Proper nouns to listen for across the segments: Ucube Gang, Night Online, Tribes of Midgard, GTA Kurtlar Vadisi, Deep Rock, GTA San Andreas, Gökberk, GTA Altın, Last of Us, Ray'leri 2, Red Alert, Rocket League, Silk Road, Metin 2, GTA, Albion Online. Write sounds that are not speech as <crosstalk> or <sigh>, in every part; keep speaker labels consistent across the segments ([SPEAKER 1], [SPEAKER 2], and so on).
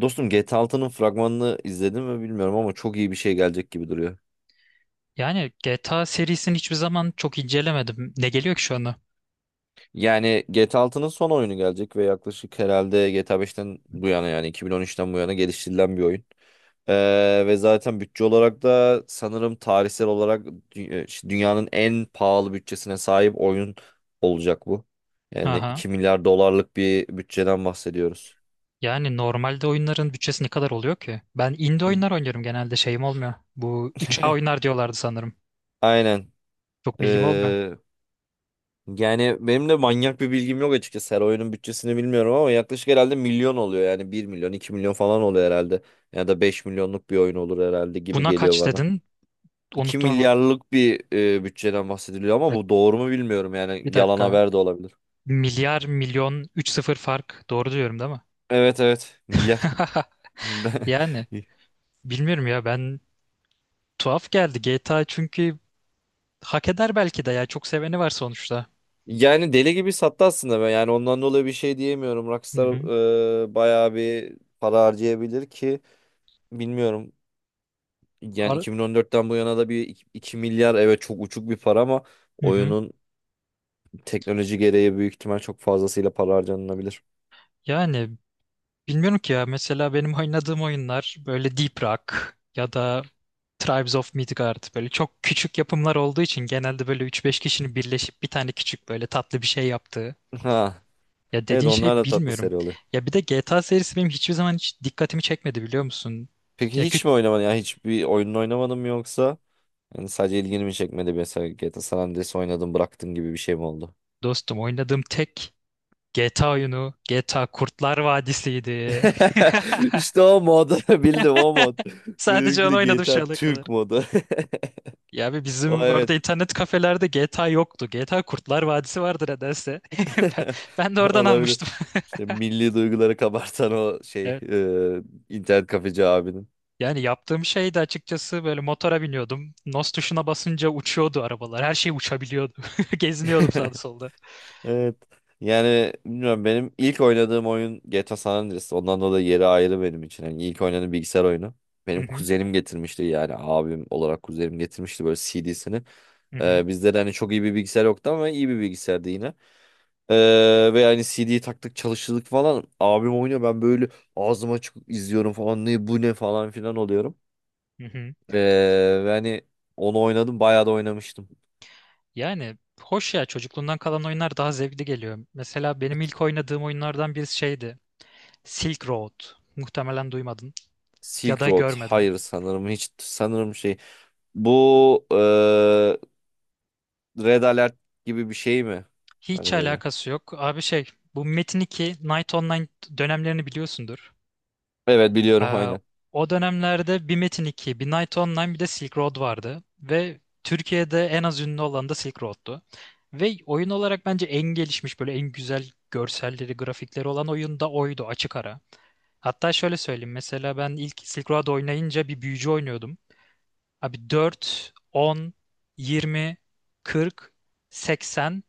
[SPEAKER 1] Dostum GTA Altının fragmanını izledim mi bilmiyorum ama çok iyi bir şey gelecek gibi duruyor.
[SPEAKER 2] Yani GTA serisini hiçbir zaman çok incelemedim. Ne geliyor ki şu anda?
[SPEAKER 1] Yani GTA Altının son oyunu gelecek ve yaklaşık herhalde GTA 5'ten bu yana, yani 2013'ten bu yana geliştirilen bir oyun. Ve zaten bütçe olarak da sanırım tarihsel olarak dünyanın en pahalı bütçesine sahip oyun olacak bu. Yani
[SPEAKER 2] Aha.
[SPEAKER 1] 2 milyar dolarlık bir bütçeden bahsediyoruz.
[SPEAKER 2] Yani normalde oyunların bütçesi ne kadar oluyor ki? Ben indie oyunlar oynuyorum genelde şeyim olmuyor. Bu üç a oyunlar diyorlardı sanırım.
[SPEAKER 1] Aynen.
[SPEAKER 2] Çok bilgim olmuyor.
[SPEAKER 1] Ee, Yani benim de manyak bir bilgim yok açıkçası. Her oyunun bütçesini bilmiyorum ama yaklaşık herhalde milyon oluyor. Yani bir milyon, 2 milyon falan oluyor herhalde. Ya da 5 milyonluk bir oyun olur herhalde gibi
[SPEAKER 2] Buna
[SPEAKER 1] geliyor
[SPEAKER 2] kaç
[SPEAKER 1] bana.
[SPEAKER 2] dedin?
[SPEAKER 1] İki
[SPEAKER 2] Unuttum hemen.
[SPEAKER 1] milyarlık bir bütçeden bahsediliyor ama
[SPEAKER 2] Evet,
[SPEAKER 1] bu doğru mu bilmiyorum. Yani
[SPEAKER 2] bir
[SPEAKER 1] yalan
[SPEAKER 2] dakika.
[SPEAKER 1] haber de olabilir.
[SPEAKER 2] Milyar milyon üç sıfır fark. Doğru diyorum değil mi?
[SPEAKER 1] Evet evet, milyar.
[SPEAKER 2] <laughs> Yani
[SPEAKER 1] <laughs>
[SPEAKER 2] bilmiyorum ya ben tuhaf geldi GTA çünkü hak eder belki de ya çok seveni var sonuçta.
[SPEAKER 1] Yani deli gibi sattı aslında ben. Yani ondan dolayı bir şey diyemiyorum.
[SPEAKER 2] Hı
[SPEAKER 1] Rockstar
[SPEAKER 2] hı.
[SPEAKER 1] bayağı bir para harcayabilir ki bilmiyorum. Yani
[SPEAKER 2] Ar-
[SPEAKER 1] 2014'ten bu yana da bir 2 milyar, evet, çok uçuk bir para ama
[SPEAKER 2] hı hı.
[SPEAKER 1] oyunun teknoloji gereği büyük ihtimal çok fazlasıyla para harcanılabilir. <laughs>
[SPEAKER 2] Yani bilmiyorum ki ya. Mesela benim oynadığım oyunlar böyle Deep Rock ya da Tribes of Midgard böyle çok küçük yapımlar olduğu için genelde böyle üç beş kişinin birleşip bir tane küçük böyle tatlı bir şey yaptığı.
[SPEAKER 1] Ha,
[SPEAKER 2] Ya
[SPEAKER 1] evet,
[SPEAKER 2] dediğin şey
[SPEAKER 1] onlar da tatlı
[SPEAKER 2] bilmiyorum.
[SPEAKER 1] seri oluyor.
[SPEAKER 2] Ya bir de GTA serisi benim hiçbir zaman hiç dikkatimi çekmedi biliyor musun?
[SPEAKER 1] Peki
[SPEAKER 2] Ya
[SPEAKER 1] hiç
[SPEAKER 2] küçük
[SPEAKER 1] mi oynamadın? Ya hiçbir oyununu oynamadın mı yoksa? Yani sadece ilgini mi çekmedi, mesela GTA San Andreas oynadın bıraktın gibi bir şey mi oldu?
[SPEAKER 2] dostum, oynadığım tek GTA oyunu GTA Kurtlar Vadisi'ydi.
[SPEAKER 1] <laughs>
[SPEAKER 2] <laughs>
[SPEAKER 1] İşte o modu <laughs> bildim o mod.
[SPEAKER 2] Sadece
[SPEAKER 1] Benimki
[SPEAKER 2] onu
[SPEAKER 1] de
[SPEAKER 2] oynadım şu
[SPEAKER 1] GTA
[SPEAKER 2] ana kadar.
[SPEAKER 1] Türk modu. <laughs>
[SPEAKER 2] Ya abi
[SPEAKER 1] O,
[SPEAKER 2] bizim
[SPEAKER 1] evet.
[SPEAKER 2] orada internet kafelerde GTA yoktu. GTA Kurtlar Vadisi vardı nedense. <laughs> Ben
[SPEAKER 1] <laughs>
[SPEAKER 2] ben de oradan
[SPEAKER 1] Olabilir.
[SPEAKER 2] almıştım. <laughs>
[SPEAKER 1] İşte milli duyguları kabartan o şey,
[SPEAKER 2] Evet.
[SPEAKER 1] internet kafeci abinin.
[SPEAKER 2] Yani yaptığım şey de açıkçası böyle motora biniyordum. NOS tuşuna basınca uçuyordu arabalar. Her şey uçabiliyordu. <laughs> Geziniyordum sağda
[SPEAKER 1] <laughs>
[SPEAKER 2] solda.
[SPEAKER 1] Evet. Yani bilmiyorum, benim ilk oynadığım oyun GTA San Andreas. Ondan dolayı yeri ayrı benim için. Yani ilk oynadığım bilgisayar oyunu.
[SPEAKER 2] Hı
[SPEAKER 1] Benim
[SPEAKER 2] hı,
[SPEAKER 1] kuzenim getirmişti, yani abim olarak kuzenim getirmişti böyle CD'sini.
[SPEAKER 2] hı hı,
[SPEAKER 1] Bizde de hani çok iyi bir bilgisayar yoktu ama iyi bir bilgisayardı yine. Ve hani CD'yi taktık çalıştırdık falan. Abim oynuyor, ben böyle ağzım açık izliyorum falan, ne bu ne falan filan oluyorum.
[SPEAKER 2] hı hı.
[SPEAKER 1] Ee, Yani onu oynadım, bayağı da oynamıştım.
[SPEAKER 2] Yani hoş ya, çocukluğundan kalan oyunlar daha zevkli geliyor. Mesela benim
[SPEAKER 1] Evet,
[SPEAKER 2] ilk oynadığım oyunlardan birisi şeydi. Silk Road. Muhtemelen duymadın ya
[SPEAKER 1] Silk
[SPEAKER 2] da
[SPEAKER 1] Road,
[SPEAKER 2] görmedin.
[SPEAKER 1] hayır sanırım hiç, sanırım şey bu, Red Alert gibi bir şey mi?
[SPEAKER 2] Hiç
[SPEAKER 1] Hani böyle.
[SPEAKER 2] alakası yok. Abi şey, bu Metin 2 Night Online dönemlerini biliyorsundur.
[SPEAKER 1] Evet biliyorum <laughs>
[SPEAKER 2] Ee,
[SPEAKER 1] aynen.
[SPEAKER 2] O dönemlerde bir Metin 2, bir Night Online bir de Silk Road vardı. Ve Türkiye'de en az ünlü olan da Silk Road'tu. Ve oyun olarak bence en gelişmiş, böyle en güzel görselleri, grafikleri olan oyun da oydu açık ara. Hatta şöyle söyleyeyim, mesela ben ilk Silk Road oynayınca bir büyücü oynuyordum. Abi 4, 10, 20, 40, 80.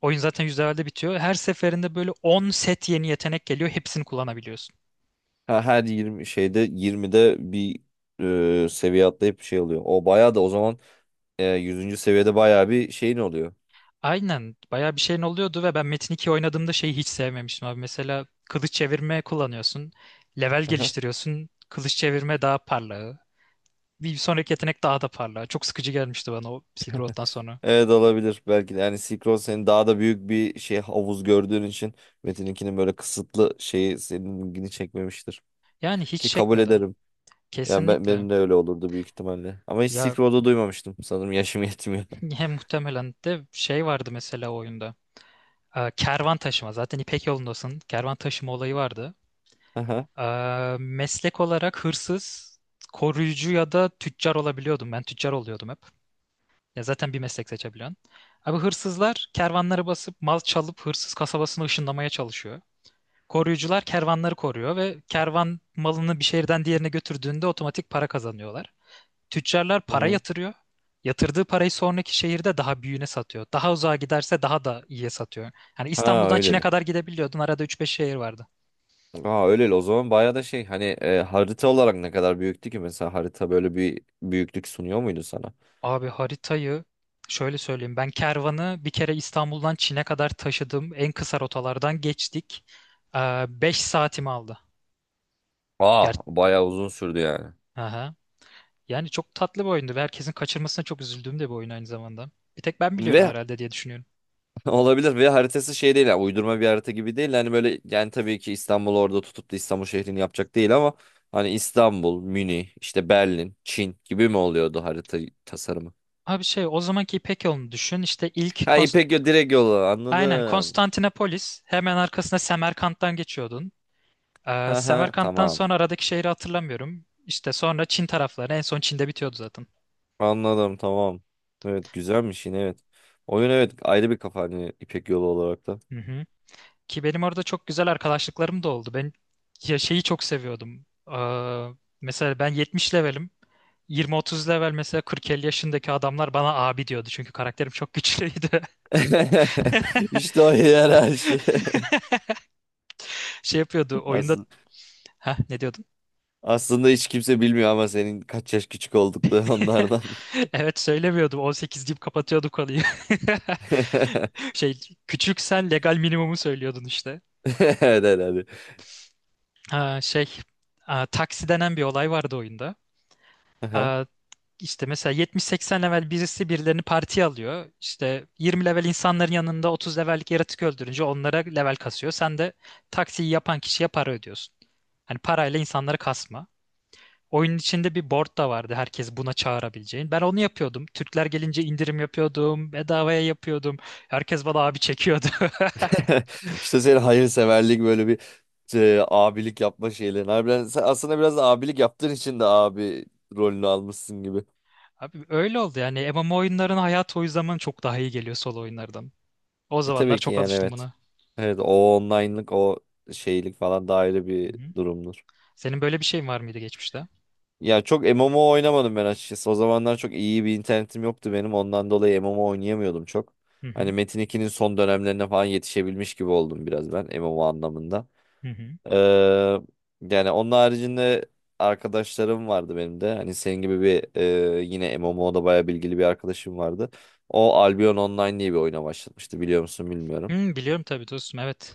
[SPEAKER 2] Oyun zaten %50'de bitiyor. Her seferinde böyle 10 set yeni yetenek geliyor. Hepsini kullanabiliyorsun.
[SPEAKER 1] Ha, her 20 şeyde 20'de bir seviye atlayıp bir şey oluyor. O bayağı da o zaman 100. seviyede bayağı bir şeyin oluyor.
[SPEAKER 2] Aynen. Bayağı bir şeyin oluyordu ve ben Metin 2 oynadığımda şeyi hiç sevmemiştim abi. Mesela kılıç çevirme kullanıyorsun. Level
[SPEAKER 1] Aha.
[SPEAKER 2] geliştiriyorsun. Kılıç çevirme daha parlağı. Bir sonraki yetenek daha da parlağı. Çok sıkıcı gelmişti bana o Silk Road'dan sonra.
[SPEAKER 1] Evet, olabilir belki de. Yani Silk Road senin daha da büyük bir şey, havuz gördüğün için Metin'inkinin böyle kısıtlı şeyi seninkini çekmemiştir.
[SPEAKER 2] Yani hiç
[SPEAKER 1] Ki kabul
[SPEAKER 2] çekmedi.
[SPEAKER 1] ederim. Ya ben,
[SPEAKER 2] Kesinlikle.
[SPEAKER 1] benim de öyle olurdu büyük ihtimalle. Ama hiç Silk
[SPEAKER 2] Ya,
[SPEAKER 1] Road'u duymamıştım. Sanırım yaşım yetmiyor.
[SPEAKER 2] <clears throat>
[SPEAKER 1] <laughs>
[SPEAKER 2] hem muhtemelen de şey vardı mesela o oyunda. Kervan taşıma. Zaten İpek yolundasın. Kervan taşıma olayı vardı.
[SPEAKER 1] Aha.
[SPEAKER 2] Meslek olarak hırsız, koruyucu ya da tüccar olabiliyordum. Ben tüccar oluyordum hep. Ya zaten bir meslek seçebiliyorsun. Abi, hırsızlar kervanları basıp mal çalıp hırsız kasabasını ışınlamaya çalışıyor. Koruyucular kervanları koruyor ve kervan malını bir şehirden diğerine götürdüğünde otomatik para kazanıyorlar. Tüccarlar
[SPEAKER 1] Hı
[SPEAKER 2] para
[SPEAKER 1] hı.
[SPEAKER 2] yatırıyor. Yatırdığı parayı sonraki şehirde daha büyüğüne satıyor. Daha uzağa giderse daha da iyiye satıyor. Yani
[SPEAKER 1] Ha
[SPEAKER 2] İstanbul'dan Çin'e
[SPEAKER 1] öyleli.
[SPEAKER 2] kadar gidebiliyordun. Arada üç beş şehir vardı.
[SPEAKER 1] Ha öyleli. O zaman bayağı da şey, hani harita olarak ne kadar büyüktü ki, mesela harita böyle bir büyüklük sunuyor muydu sana?
[SPEAKER 2] Abi haritayı şöyle söyleyeyim. Ben kervanı bir kere İstanbul'dan Çin'e kadar taşıdım. En kısa rotalardan geçtik. 5 saatimi aldı.
[SPEAKER 1] Aa,
[SPEAKER 2] Ger
[SPEAKER 1] bayağı uzun sürdü yani.
[SPEAKER 2] Aha. Yani çok tatlı bir oyundu ve herkesin kaçırmasına çok üzüldüğüm de bir oyun aynı zamanda. Bir tek ben biliyorum
[SPEAKER 1] Ve
[SPEAKER 2] herhalde diye düşünüyorum.
[SPEAKER 1] <laughs> olabilir, ve haritası şey değil, yani uydurma bir harita gibi değil hani, böyle, yani tabii ki İstanbul orada tutup da İstanbul şehrini yapacak değil ama hani İstanbul, Münih, işte Berlin, Çin gibi mi oluyordu harita tasarımı?
[SPEAKER 2] Abi şey, o zamanki İpek yolunu düşün. İşte ilk
[SPEAKER 1] Ha, Direkt yolu
[SPEAKER 2] Aynen
[SPEAKER 1] anladım.
[SPEAKER 2] Konstantinopolis hemen arkasında Semerkant'tan geçiyordun.
[SPEAKER 1] Ha ha,
[SPEAKER 2] Semerkant'tan
[SPEAKER 1] tamam.
[SPEAKER 2] sonra aradaki şehri hatırlamıyorum. İşte sonra Çin tarafları, en son Çin'de bitiyordu zaten.
[SPEAKER 1] Anladım, tamam. Evet, güzelmiş yine, evet. Oyun, evet, ayrı bir kafa hani İpek yolu olarak da.
[SPEAKER 2] Hı hı. Ki benim orada çok güzel arkadaşlıklarım da oldu. Ben ya şeyi çok seviyordum. Mesela ben 70 levelim. 20-30 level mesela, 40-50 yaşındaki adamlar bana abi diyordu. Çünkü karakterim çok güçlüydü. <laughs>
[SPEAKER 1] <laughs> İşte o yer her şey.
[SPEAKER 2] Şey yapıyordu
[SPEAKER 1] <laughs>
[SPEAKER 2] oyunda...
[SPEAKER 1] Aslında,
[SPEAKER 2] Ha, ne diyordun?
[SPEAKER 1] aslında hiç kimse bilmiyor ama senin kaç yaş küçük oldukları onlardan.
[SPEAKER 2] <laughs> Evet, söylemiyordum. 18 deyip kapatıyordu konuyu.
[SPEAKER 1] <laughs>
[SPEAKER 2] <laughs> Şey, küçüksen legal minimumu söylüyordun işte.
[SPEAKER 1] Evet, herhalde.
[SPEAKER 2] Ha, şey, taksi denen bir olay vardı oyunda.
[SPEAKER 1] Aha.
[SPEAKER 2] Aa, işte mesela 70-80 level birisi birilerini partiye alıyor. İşte 20 level insanların yanında 30 levellik yaratık öldürünce onlara level kasıyor. Sen de taksiyi yapan kişiye para ödüyorsun. Hani parayla insanları kasma. Oyunun içinde bir board da vardı, herkes buna çağırabileceğin. Ben onu yapıyordum. Türkler gelince indirim yapıyordum. Bedavaya yapıyordum. Herkes bana abi çekiyordu. <laughs>
[SPEAKER 1] <laughs> İşte senin hayırseverlik, böyle bir abilik yapma şeylerin. Harbiden sen aslında biraz da abilik yaptığın için de abi rolünü almışsın gibi.
[SPEAKER 2] Abi öyle oldu yani. MMO oyunların hayatı o zaman çok daha iyi geliyor solo oyunlardan. O
[SPEAKER 1] E,
[SPEAKER 2] zamanlar
[SPEAKER 1] tabii ki,
[SPEAKER 2] çok
[SPEAKER 1] yani
[SPEAKER 2] alıştım
[SPEAKER 1] evet.
[SPEAKER 2] buna.
[SPEAKER 1] Evet, o online'lık, o şeylik falan da ayrı
[SPEAKER 2] Hı
[SPEAKER 1] bir
[SPEAKER 2] hı.
[SPEAKER 1] durumdur.
[SPEAKER 2] Senin böyle bir şeyin var mıydı geçmişte?
[SPEAKER 1] Ya, çok MMO oynamadım ben açıkçası. O zamanlar çok iyi bir internetim yoktu benim. Ondan dolayı MMO oynayamıyordum çok.
[SPEAKER 2] Hı
[SPEAKER 1] Hani
[SPEAKER 2] hı.
[SPEAKER 1] Metin 2'nin son dönemlerine falan yetişebilmiş gibi oldum biraz ben MMO anlamında.
[SPEAKER 2] Hı hı.
[SPEAKER 1] Ee, Yani onun haricinde arkadaşlarım vardı benim de. Hani senin gibi bir yine MMO'da bayağı bilgili bir arkadaşım vardı. O Albion Online diye bir oyuna başlatmıştı, biliyor musun bilmiyorum.
[SPEAKER 2] Hı, biliyorum tabii dostum, evet.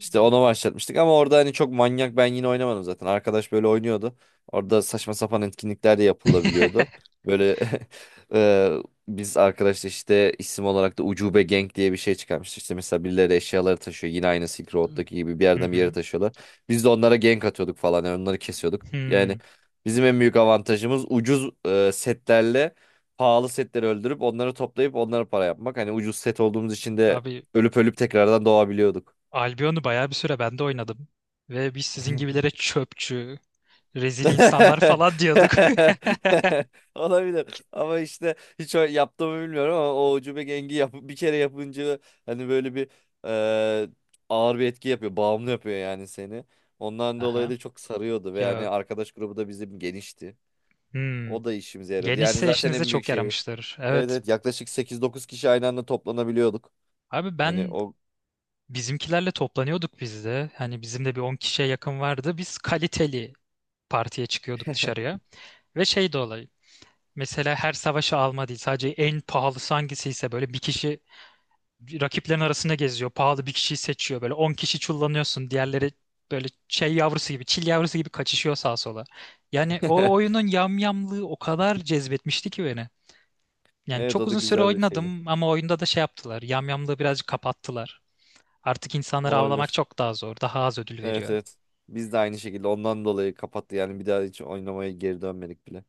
[SPEAKER 1] İşte onu başlatmıştık ama orada hani çok manyak, ben yine oynamadım zaten. Arkadaş böyle oynuyordu. Orada saçma sapan etkinlikler de yapılabiliyordu. Böyle <laughs> e, biz arkadaşla işte isim olarak da Ucube Gang diye bir şey çıkarmıştık. İşte mesela birileri eşyaları taşıyor. Yine aynı Silk Road'daki gibi bir
[SPEAKER 2] Hı
[SPEAKER 1] yerden bir yere
[SPEAKER 2] hı.
[SPEAKER 1] taşıyorlar. Biz de onlara gank atıyorduk falan. Yani onları kesiyorduk. Yani
[SPEAKER 2] Hı.
[SPEAKER 1] bizim en büyük avantajımız ucuz setlerle pahalı setleri öldürüp onları toplayıp onlara para yapmak. Hani ucuz set olduğumuz için de
[SPEAKER 2] Abi
[SPEAKER 1] ölüp ölüp tekrardan doğabiliyorduk.
[SPEAKER 2] Albion'u bayağı bir süre ben de oynadım. Ve biz sizin gibilere çöpçü, rezil insanlar
[SPEAKER 1] <laughs>
[SPEAKER 2] falan diyorduk.
[SPEAKER 1] Olabilir ama işte hiç yaptığımı bilmiyorum, ama o ucube gengi yap, bir kere yapınca hani böyle bir eee, ağır bir etki yapıyor, bağımlı yapıyor yani seni,
[SPEAKER 2] <laughs>
[SPEAKER 1] ondan dolayı
[SPEAKER 2] Aha.
[SPEAKER 1] da çok sarıyordu. Ve
[SPEAKER 2] Ya,
[SPEAKER 1] yani arkadaş grubu da bizim genişti,
[SPEAKER 2] hmm.
[SPEAKER 1] o da işimize yarıyordu yani,
[SPEAKER 2] Genişse
[SPEAKER 1] zaten
[SPEAKER 2] işinize
[SPEAKER 1] en büyük
[SPEAKER 2] çok
[SPEAKER 1] şeyi.
[SPEAKER 2] yaramıştır.
[SPEAKER 1] Evet
[SPEAKER 2] Evet.
[SPEAKER 1] evet, yaklaşık sekiz dokuz kişi aynı anda toplanabiliyorduk
[SPEAKER 2] Abi
[SPEAKER 1] hani
[SPEAKER 2] ben
[SPEAKER 1] o.
[SPEAKER 2] bizimkilerle toplanıyorduk biz de. Hani bizim de bir 10 kişiye yakın vardı. Biz kaliteli partiye çıkıyorduk dışarıya. Ve şey de olay. Mesela her savaşı alma değil. Sadece en pahalısı hangisiyse, böyle bir kişi rakiplerin arasında geziyor. Pahalı bir kişiyi seçiyor. Böyle 10 kişi çullanıyorsun. Diğerleri böyle şey yavrusu gibi, çil yavrusu gibi kaçışıyor sağa sola. Yani o
[SPEAKER 1] <laughs>
[SPEAKER 2] oyunun yamyamlığı o kadar cezbetmişti ki beni. Yani
[SPEAKER 1] Evet,
[SPEAKER 2] çok
[SPEAKER 1] o da
[SPEAKER 2] uzun süre
[SPEAKER 1] güzel bir şeydi,
[SPEAKER 2] oynadım ama oyunda da şey yaptılar. Yamyamlığı birazcık kapattılar. Artık insanları avlamak
[SPEAKER 1] olabilir.
[SPEAKER 2] çok daha zor. Daha az ödül
[SPEAKER 1] Evet
[SPEAKER 2] veriyor.
[SPEAKER 1] evet. Biz de aynı şekilde ondan dolayı kapattı, yani bir daha hiç oynamaya geri dönmedik bile.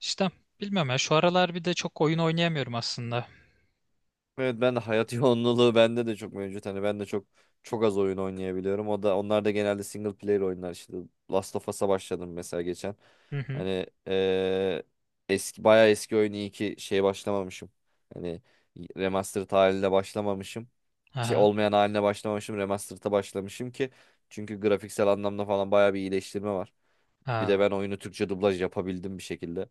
[SPEAKER 2] İşte bilmiyorum ya, şu aralar bir de çok oyun oynayamıyorum aslında.
[SPEAKER 1] Evet, ben de hayat <laughs> yoğunluğu bende de çok mevcut. Hani ben de çok çok az oyun oynayabiliyorum. O da, onlar da genelde single player oyunlar, işte Last of Us'a başladım mesela geçen.
[SPEAKER 2] Hı hı.
[SPEAKER 1] Hani eski, bayağı eski oyun, iyi ki şeye başlamamışım. Hani remastered haline başlamamışım. Şey
[SPEAKER 2] Aha.
[SPEAKER 1] olmayan haline başlamamışım. Remastered'a başlamışım ki, çünkü grafiksel anlamda falan bayağı bir iyileştirme var. Bir de
[SPEAKER 2] Ha.
[SPEAKER 1] ben oyunu Türkçe dublaj yapabildim bir şekilde.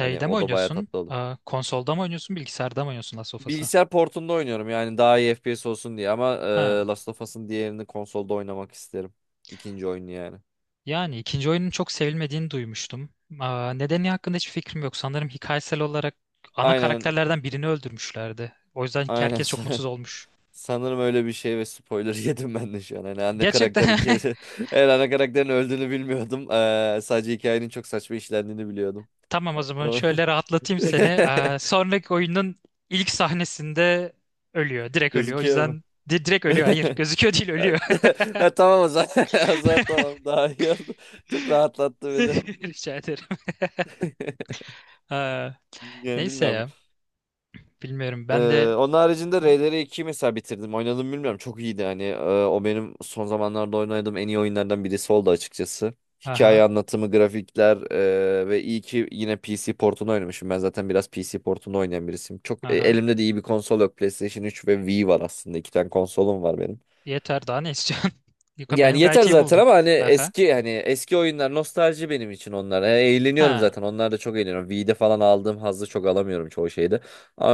[SPEAKER 1] Hani
[SPEAKER 2] mi
[SPEAKER 1] o da bayağı
[SPEAKER 2] oynuyorsun?
[SPEAKER 1] tatlı oldu.
[SPEAKER 2] Konsolda mı oynuyorsun? Bilgisayarda mı oynuyorsun Last of Us'ı?
[SPEAKER 1] Bilgisayar portunda oynuyorum, yani daha iyi FPS olsun diye, ama
[SPEAKER 2] Ha.
[SPEAKER 1] Last of Us'ın diğerini konsolda oynamak isterim. İkinci oyunu yani.
[SPEAKER 2] Yani ikinci oyunun çok sevilmediğini duymuştum. Nedeni hakkında hiçbir fikrim yok. Sanırım hikayesel olarak ana
[SPEAKER 1] Aynen
[SPEAKER 2] karakterlerden birini öldürmüşlerdi. O yüzden
[SPEAKER 1] aynen, <laughs>
[SPEAKER 2] herkes çok mutsuz olmuş.
[SPEAKER 1] sanırım öyle bir şey ve spoiler <laughs> yedim ben de şu an. Hani ana
[SPEAKER 2] Gerçekten
[SPEAKER 1] karakter hikayesi <laughs> eğer, ana karakterin öldüğünü bilmiyordum. E, sadece hikayenin çok saçma işlendiğini biliyordum.
[SPEAKER 2] <laughs> tamam, o zaman
[SPEAKER 1] Ama-
[SPEAKER 2] şöyle rahatlatayım
[SPEAKER 1] <laughs>
[SPEAKER 2] seni. Sonraki oyunun ilk sahnesinde ölüyor. Direkt ölüyor. O
[SPEAKER 1] Gözüküyor mu?
[SPEAKER 2] yüzden direkt ölüyor. Hayır,
[SPEAKER 1] <laughs>
[SPEAKER 2] gözüküyor değil,
[SPEAKER 1] Ha,
[SPEAKER 2] ölüyor.
[SPEAKER 1] <laughs> ha, tamam o zaman. <laughs> O zaman tamam, daha iyi oldu. Çok rahatlattı
[SPEAKER 2] <laughs>
[SPEAKER 1] beni.
[SPEAKER 2] Rica ederim.
[SPEAKER 1] <laughs>
[SPEAKER 2] Ee,
[SPEAKER 1] Yani
[SPEAKER 2] neyse
[SPEAKER 1] bilmiyorum.
[SPEAKER 2] ya. Bilmiyorum ben de...
[SPEAKER 1] Ee, Onun haricinde Ray'leri 2 mesela bitirdim. Oynadım, bilmiyorum. Çok iyiydi hani. O benim son zamanlarda oynadığım en iyi oyunlardan birisi oldu açıkçası. Hikaye
[SPEAKER 2] Aha,
[SPEAKER 1] anlatımı, grafikler, ve iyi ki yine PC portunu oynamışım. Ben zaten biraz PC portunu oynayan birisiyim. Çok,
[SPEAKER 2] aha.
[SPEAKER 1] elimde de iyi bir konsol yok. PlayStation 3 ve Wii var aslında. İki tane konsolum var benim.
[SPEAKER 2] Yeter, daha ne istiyorsun? <laughs> Yok,
[SPEAKER 1] Yani
[SPEAKER 2] ben gayet
[SPEAKER 1] yeter
[SPEAKER 2] iyi
[SPEAKER 1] zaten
[SPEAKER 2] buldum.
[SPEAKER 1] ama hani
[SPEAKER 2] Aha.
[SPEAKER 1] eski hani eski oyunlar nostalji benim için onlar. E, eğleniyorum
[SPEAKER 2] Ha.
[SPEAKER 1] zaten. Onlar da, çok eğleniyorum. V'de falan aldığım hazzı çok alamıyorum çoğu şeyde.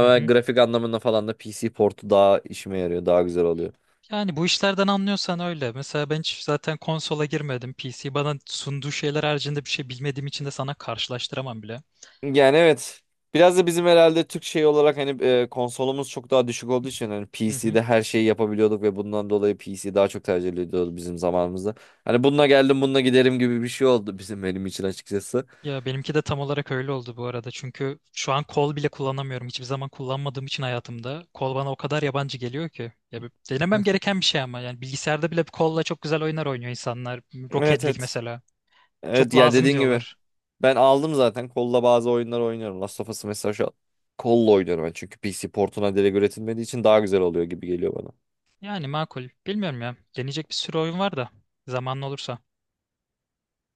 [SPEAKER 2] Hı hı.
[SPEAKER 1] grafik anlamında falan da PC portu daha işime yarıyor. Daha güzel oluyor.
[SPEAKER 2] Yani bu işlerden anlıyorsan öyle. Mesela ben hiç zaten konsola girmedim. PC bana sunduğu şeyler haricinde bir şey bilmediğim için de sana karşılaştıramam bile.
[SPEAKER 1] Yani evet. Biraz da bizim herhalde Türk şey olarak, hani konsolumuz çok daha düşük olduğu için hani
[SPEAKER 2] Hı hı.
[SPEAKER 1] PC'de her şeyi yapabiliyorduk ve bundan dolayı PC daha çok tercih ediliyordu bizim zamanımızda. Hani bununla geldim bununla giderim gibi bir şey oldu bizim, benim için açıkçası.
[SPEAKER 2] Ya benimki de tam olarak öyle oldu bu arada. Çünkü şu an kol bile kullanamıyorum. Hiçbir zaman kullanmadığım için hayatımda. Kol bana o kadar yabancı geliyor ki. Ya denemem gereken bir şey ama. Yani bilgisayarda bile kolla çok güzel oyunlar oynuyor insanlar.
[SPEAKER 1] Evet
[SPEAKER 2] Rocket League
[SPEAKER 1] evet.
[SPEAKER 2] mesela. Çok
[SPEAKER 1] Evet, yani
[SPEAKER 2] lazım
[SPEAKER 1] dediğin gibi.
[SPEAKER 2] diyorlar.
[SPEAKER 1] Ben aldım zaten. Kolla bazı oyunlar oynuyorum. Last of Us mesela şu an kolla oynuyorum ben. Çünkü PC portuna direkt üretilmediği için daha güzel oluyor gibi geliyor bana.
[SPEAKER 2] Yani makul. Bilmiyorum ya. Deneyecek bir sürü oyun var da. Zamanlı olursa.